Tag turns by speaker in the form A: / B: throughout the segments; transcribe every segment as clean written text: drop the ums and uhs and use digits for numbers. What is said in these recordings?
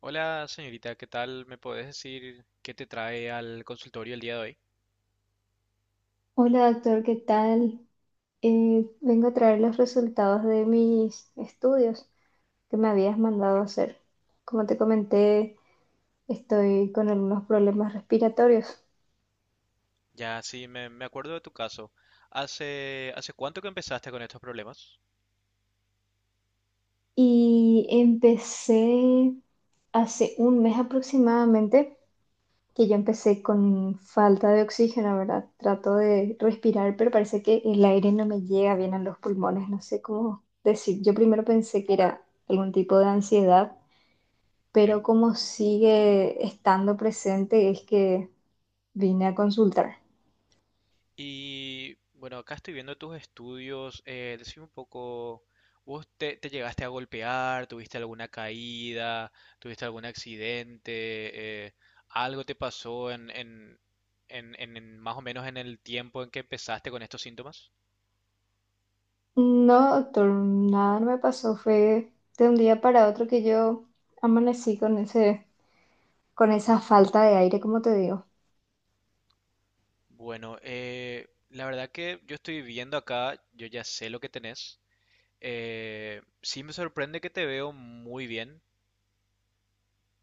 A: Hola señorita, ¿qué tal? ¿Me puedes decir qué te trae al consultorio el día de hoy?
B: Hola doctor, ¿qué tal? Vengo a traer los resultados de mis estudios que me habías mandado hacer. Como te comenté, estoy con algunos problemas respiratorios
A: Ya sí, me acuerdo de tu caso. ¿Hace cuánto que empezaste con estos problemas?
B: y empecé hace un mes aproximadamente, que yo empecé con falta de oxígeno, ¿verdad? Trato de respirar, pero parece que el aire no
A: Mm,
B: me llega bien a los pulmones, no sé cómo decir. Yo primero pensé que era algún tipo de ansiedad, pero
A: ok.
B: como sigue estando presente es que vine a consultar.
A: Y bueno, acá estoy viendo tus estudios. Decime un poco, ¿vos te llegaste a golpear? ¿Tuviste alguna caída? ¿Tuviste algún accidente? ¿Algo te pasó en más o menos en el tiempo en que empezaste con estos síntomas?
B: No, doctor, nada no me pasó, fue de un día para otro que yo amanecí con ese, con esa falta de aire, como te digo.
A: Bueno, la verdad que yo estoy viendo acá, yo ya sé lo que tenés. Sí, me sorprende que te veo muy bien,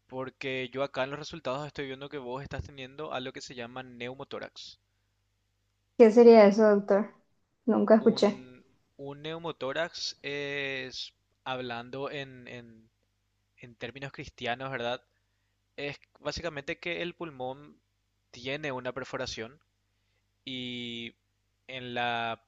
A: porque yo acá en los resultados estoy viendo que vos estás teniendo algo que se llama neumotórax.
B: ¿Qué sería eso, doctor? Nunca escuché.
A: Un, un neumotórax es, hablando en términos cristianos, ¿verdad? Es básicamente que el pulmón tiene una perforación y en la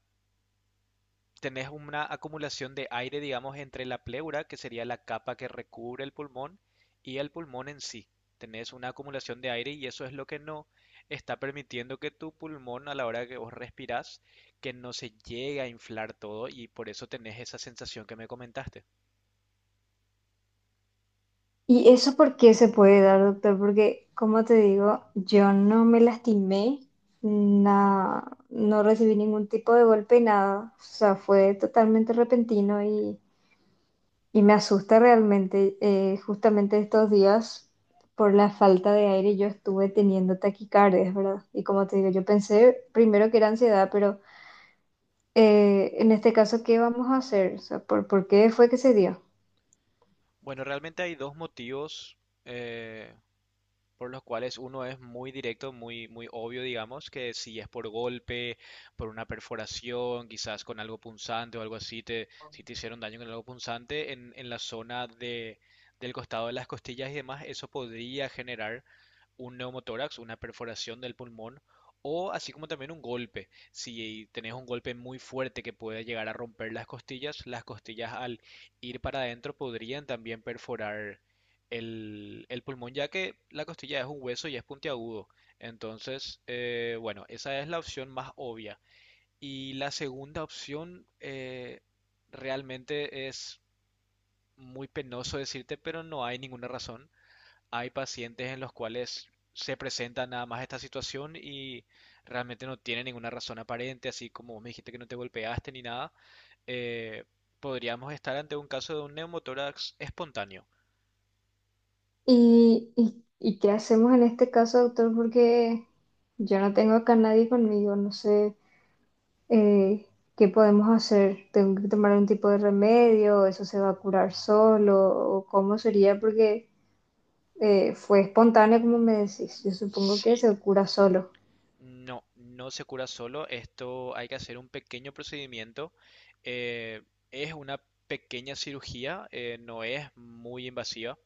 A: tenés una acumulación de aire, digamos, entre la pleura, que sería la capa que recubre el pulmón, y el pulmón en sí. Tenés una acumulación de aire y eso es lo que no está permitiendo que tu pulmón a la hora que vos respirás, que no se llegue a inflar todo, y por eso tenés esa sensación que me comentaste.
B: ¿Y eso por qué se puede dar, doctor? Porque, como te digo, yo no me lastimé, na- no recibí ningún tipo de golpe, nada. O sea, fue totalmente repentino y me asusta realmente, justamente estos días, por la falta de aire, yo estuve teniendo taquicardias, ¿verdad? Y como te digo, yo pensé primero que era ansiedad, pero en este caso, ¿qué vamos a hacer? O sea, ¿por qué fue que se dio?
A: Bueno, realmente hay dos motivos, eh, por los cuales uno es muy directo, muy, muy obvio, digamos, que si es por golpe, por una perforación, quizás con algo punzante o algo así, si te hicieron daño con algo punzante en la zona del costado de las costillas y demás, eso podría generar un neumotórax, una perforación del pulmón, o así como también un golpe. Si tenés un golpe muy fuerte que puede llegar a romper las costillas al ir para adentro podrían también perforar el pulmón, ya que la costilla es un hueso y es puntiagudo. Entonces, bueno, esa es la opción más obvia. Y la segunda opción, realmente es muy penoso decirte, pero no hay ninguna razón. Hay pacientes en los cuales se presenta nada más esta situación y realmente no tiene ninguna razón aparente, así como vos me dijiste que no te golpeaste ni nada. eh, Podríamos estar ante un caso de un neumotórax espontáneo.
B: ¿Y qué hacemos en este caso, doctor? Porque yo no tengo acá nadie conmigo, no sé, eh, qué podemos hacer. ¿Tengo que tomar un tipo de remedio? ¿Eso se va a curar solo? ¿O cómo sería? Porque fue espontáneo, como me decís. Yo supongo que
A: Sí,
B: se cura solo.
A: no, no se cura solo. Esto hay que hacer un pequeño procedimiento. eh, es una pequeña cirugía, no es muy invasiva,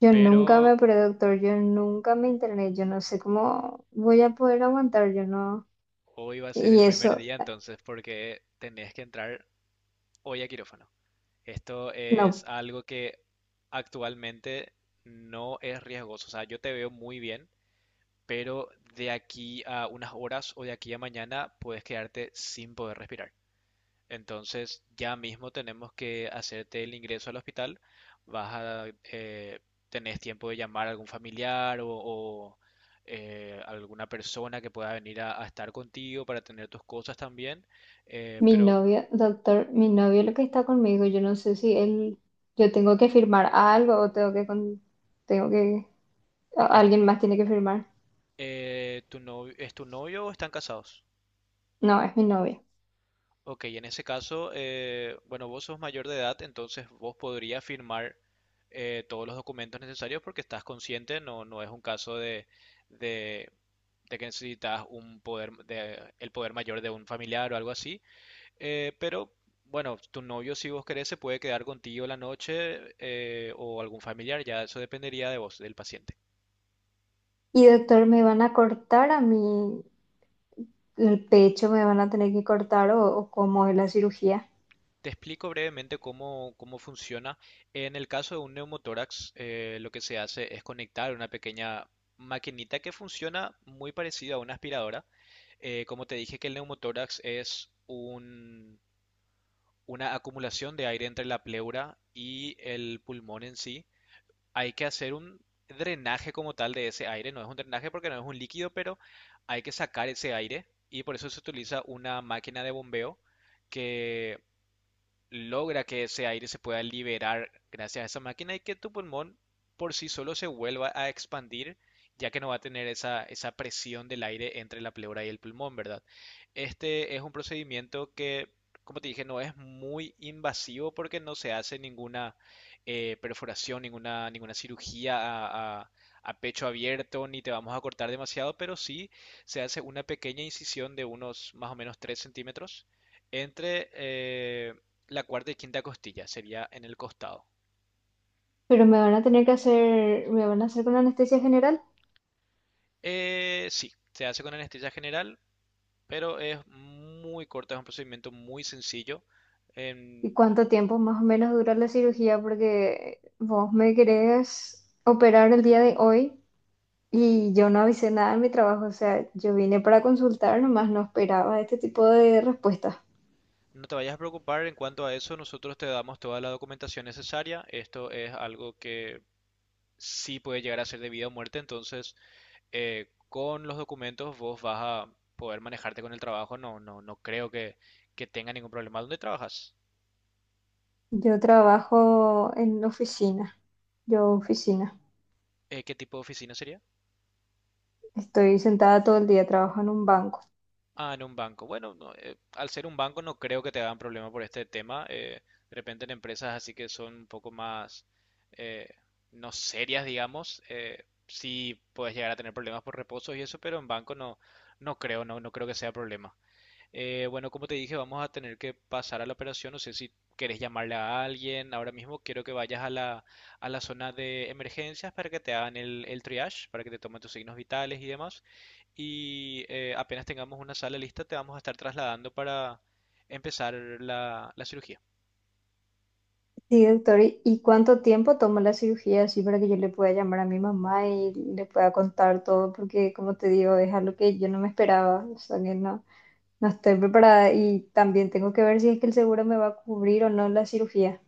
B: Yo nunca me
A: pero
B: operé, doctor, yo nunca me interné, yo no sé cómo voy a poder aguantar, yo no.
A: hoy va a ser
B: Y
A: el primer
B: eso,
A: día, entonces, porque tenés que entrar hoy a quirófano. Esto es
B: no,
A: algo que actualmente no es riesgoso. O sea, yo te veo muy bien, pero de aquí a unas horas o de aquí a mañana puedes quedarte sin poder respirar. Entonces, ya mismo tenemos que hacerte el ingreso al hospital. Vas a, eh, Tenés tiempo de llamar a algún familiar o alguna persona que pueda venir a estar contigo para tener tus cosas también. Eh,
B: mi
A: pero,
B: novio, doctor, mi novio lo que está conmigo, yo no sé si él, yo tengo que firmar algo o tengo que, con- tengo que, a-
A: es-
B: alguien más tiene que firmar.
A: ¿Tu novio, es tu novio o están casados?
B: No, es mi novio.
A: Ok, en ese caso, bueno, vos sos mayor de edad, entonces vos podrías firmar todos los documentos necesarios porque estás consciente, no es un caso de- de que necesitas un poder, el poder mayor de un familiar o algo así. Pero bueno, tu novio, si vos querés, se puede quedar contigo la noche, o algún familiar, ya eso dependería de vos, del paciente.
B: Y doctor, me van a cortar a mí el pecho, me van a tener que cortar o cómo es la cirugía.
A: Te explico brevemente cómo funciona. En el caso de un neumotórax, lo que se hace es conectar una pequeña maquinita que funciona muy parecida a una aspiradora. Como te dije, que el neumotórax es una acumulación de aire entre la pleura y el pulmón en sí. Hay que hacer un drenaje como tal de ese aire. No es un drenaje porque no es un líquido, pero hay que sacar ese aire y por eso se utiliza una máquina de bombeo que logra que ese aire se pueda liberar gracias a esa máquina y que tu pulmón por sí solo se vuelva a expandir, ya que no va a tener esa presión del aire entre la pleura y el pulmón, ¿verdad? Este es un procedimiento que, como te dije, no es muy invasivo porque no se hace ninguna perforación, ninguna cirugía a pecho abierto, ni te vamos a cortar demasiado, pero sí se hace una pequeña incisión de unos más o menos 3 centímetros entre, la cuarta y quinta costilla, sería en el costado.
B: Pero me van a tener que hacer, me van a hacer con anestesia general.
A: Sí, se hace con anestesia general, pero es muy corta, es un procedimiento muy sencillo.
B: ¿Y
A: Em,
B: cuánto tiempo más o menos dura la cirugía? Porque vos me querés operar el día de hoy y yo no avisé nada en mi trabajo. O sea, yo vine para consultar, nomás no esperaba este tipo de respuesta.
A: no te vayas a preocupar en cuanto a eso, nosotros te damos toda la documentación necesaria. Esto es algo que sí puede llegar a ser de vida o muerte, entonces, con los documentos vos vas a poder manejarte con el trabajo. No, no, no creo que, tenga ningún problema. ¿Dónde trabajas?
B: Yo trabajo en oficina, yo oficina.
A: ¿Qué tipo de oficina sería?
B: Estoy sentada todo el día, trabajo en un banco.
A: Ah, en un banco. Bueno, no, al ser un banco no creo que te hagan problema por este tema. De repente en empresas así que son un poco más, eh, no serias, digamos, sí puedes llegar a tener problemas por reposos y eso, pero en banco no, no creo, no creo que sea problema. Bueno, como te dije, vamos a tener que pasar a la operación. No sé si querés llamarle a alguien. Ahora mismo quiero que vayas a la zona de emergencias para que te hagan el triage, para que te tomen tus signos vitales y demás. Y apenas tengamos una sala lista, te vamos a estar trasladando para empezar la cirugía.
B: Sí, doctor, y cuánto tiempo toma la cirugía así para que yo le pueda llamar a mi mamá y le pueda contar todo? Porque, como te digo, es algo que yo no me esperaba, o sea, que no, no estoy preparada y también tengo que ver si es que el seguro me va a cubrir o no la cirugía.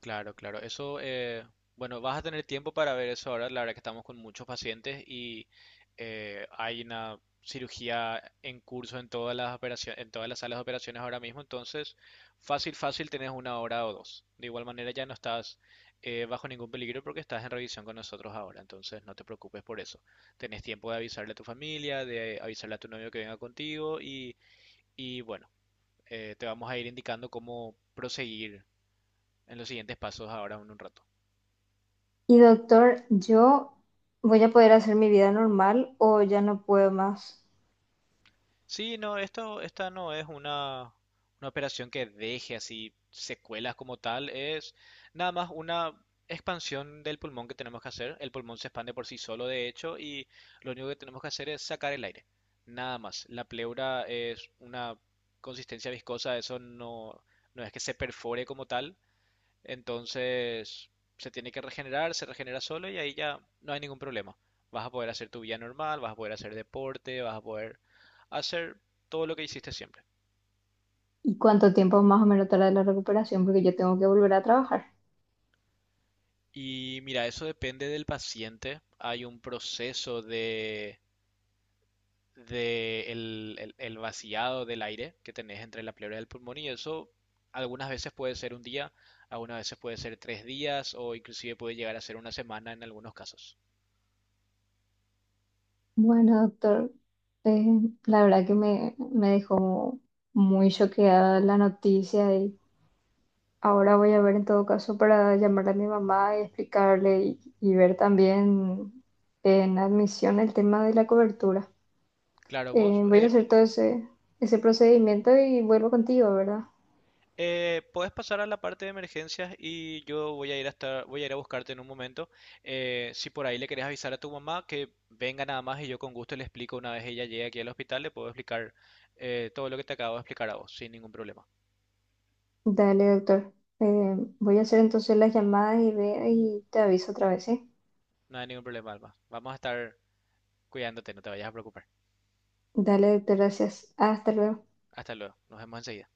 A: Claro, claro. Eso, bueno, vas a tener tiempo para ver eso ahora. La verdad que estamos con muchos pacientes y, hay una cirugía en curso en todas las operaciones, en todas las salas de operaciones ahora mismo. Entonces, fácil, fácil, tenés una hora o dos. De igual manera, ya no estás, bajo ningún peligro porque estás en revisión con nosotros ahora. Entonces, no te preocupes por eso. Tenés tiempo de avisarle a tu familia, de avisarle a tu novio que venga contigo, y bueno, te vamos a ir indicando cómo proseguir en los siguientes pasos ahora en un rato.
B: Y, doctor, ¿yo voy a poder hacer mi vida normal o ya no puedo más?
A: Sí, no, esto, esta no es una operación que deje así secuelas como tal, es nada más una expansión del pulmón que tenemos que hacer. El pulmón se expande por sí solo, de hecho, y lo único que tenemos que hacer es sacar el aire. Nada más. La pleura es una consistencia viscosa, eso no es que se perfore como tal, entonces se tiene que regenerar, se regenera solo y ahí ya no hay ningún problema. Vas a poder hacer tu vida normal, vas a poder hacer deporte, vas a poder hacer todo lo que hiciste siempre.
B: ¿Y cuánto tiempo más o menos tarda la recuperación? Porque yo tengo que volver a trabajar.
A: Y mira, eso depende del paciente. Hay un proceso de el vaciado del aire que tenés entre la pleura y el pulmón y eso algunas veces puede ser un día, algunas veces puede ser 3 días o inclusive puede llegar a ser una semana en algunos casos.
B: Bueno, doctor, eh, la verdad que me dejó muy choqueada la noticia y ahora voy a ver en todo caso para llamarle a mi mamá y explicarle y ver también en admisión el tema de la cobertura.
A: Claro, vos
B: Voy a hacer todo ese, ese procedimiento y vuelvo contigo, ¿verdad?
A: Puedes pasar a la parte de emergencias y yo voy a ir hasta, voy a ir a buscarte en un momento. Si por ahí le querés avisar a tu mamá que venga nada más, y yo con gusto le explico una vez ella llegue aquí al hospital, le puedo explicar, todo lo que te acabo de explicar a vos, sin ningún problema.
B: Dale, doctor. Voy a hacer entonces las llamadas y veo y te aviso otra vez, ¿sí?
A: No hay ningún problema, Alma. Vamos a estar cuidándote, no te vayas a preocupar.
B: Dale, doctor, gracias. Hasta luego.
A: Hasta luego, nos vemos enseguida.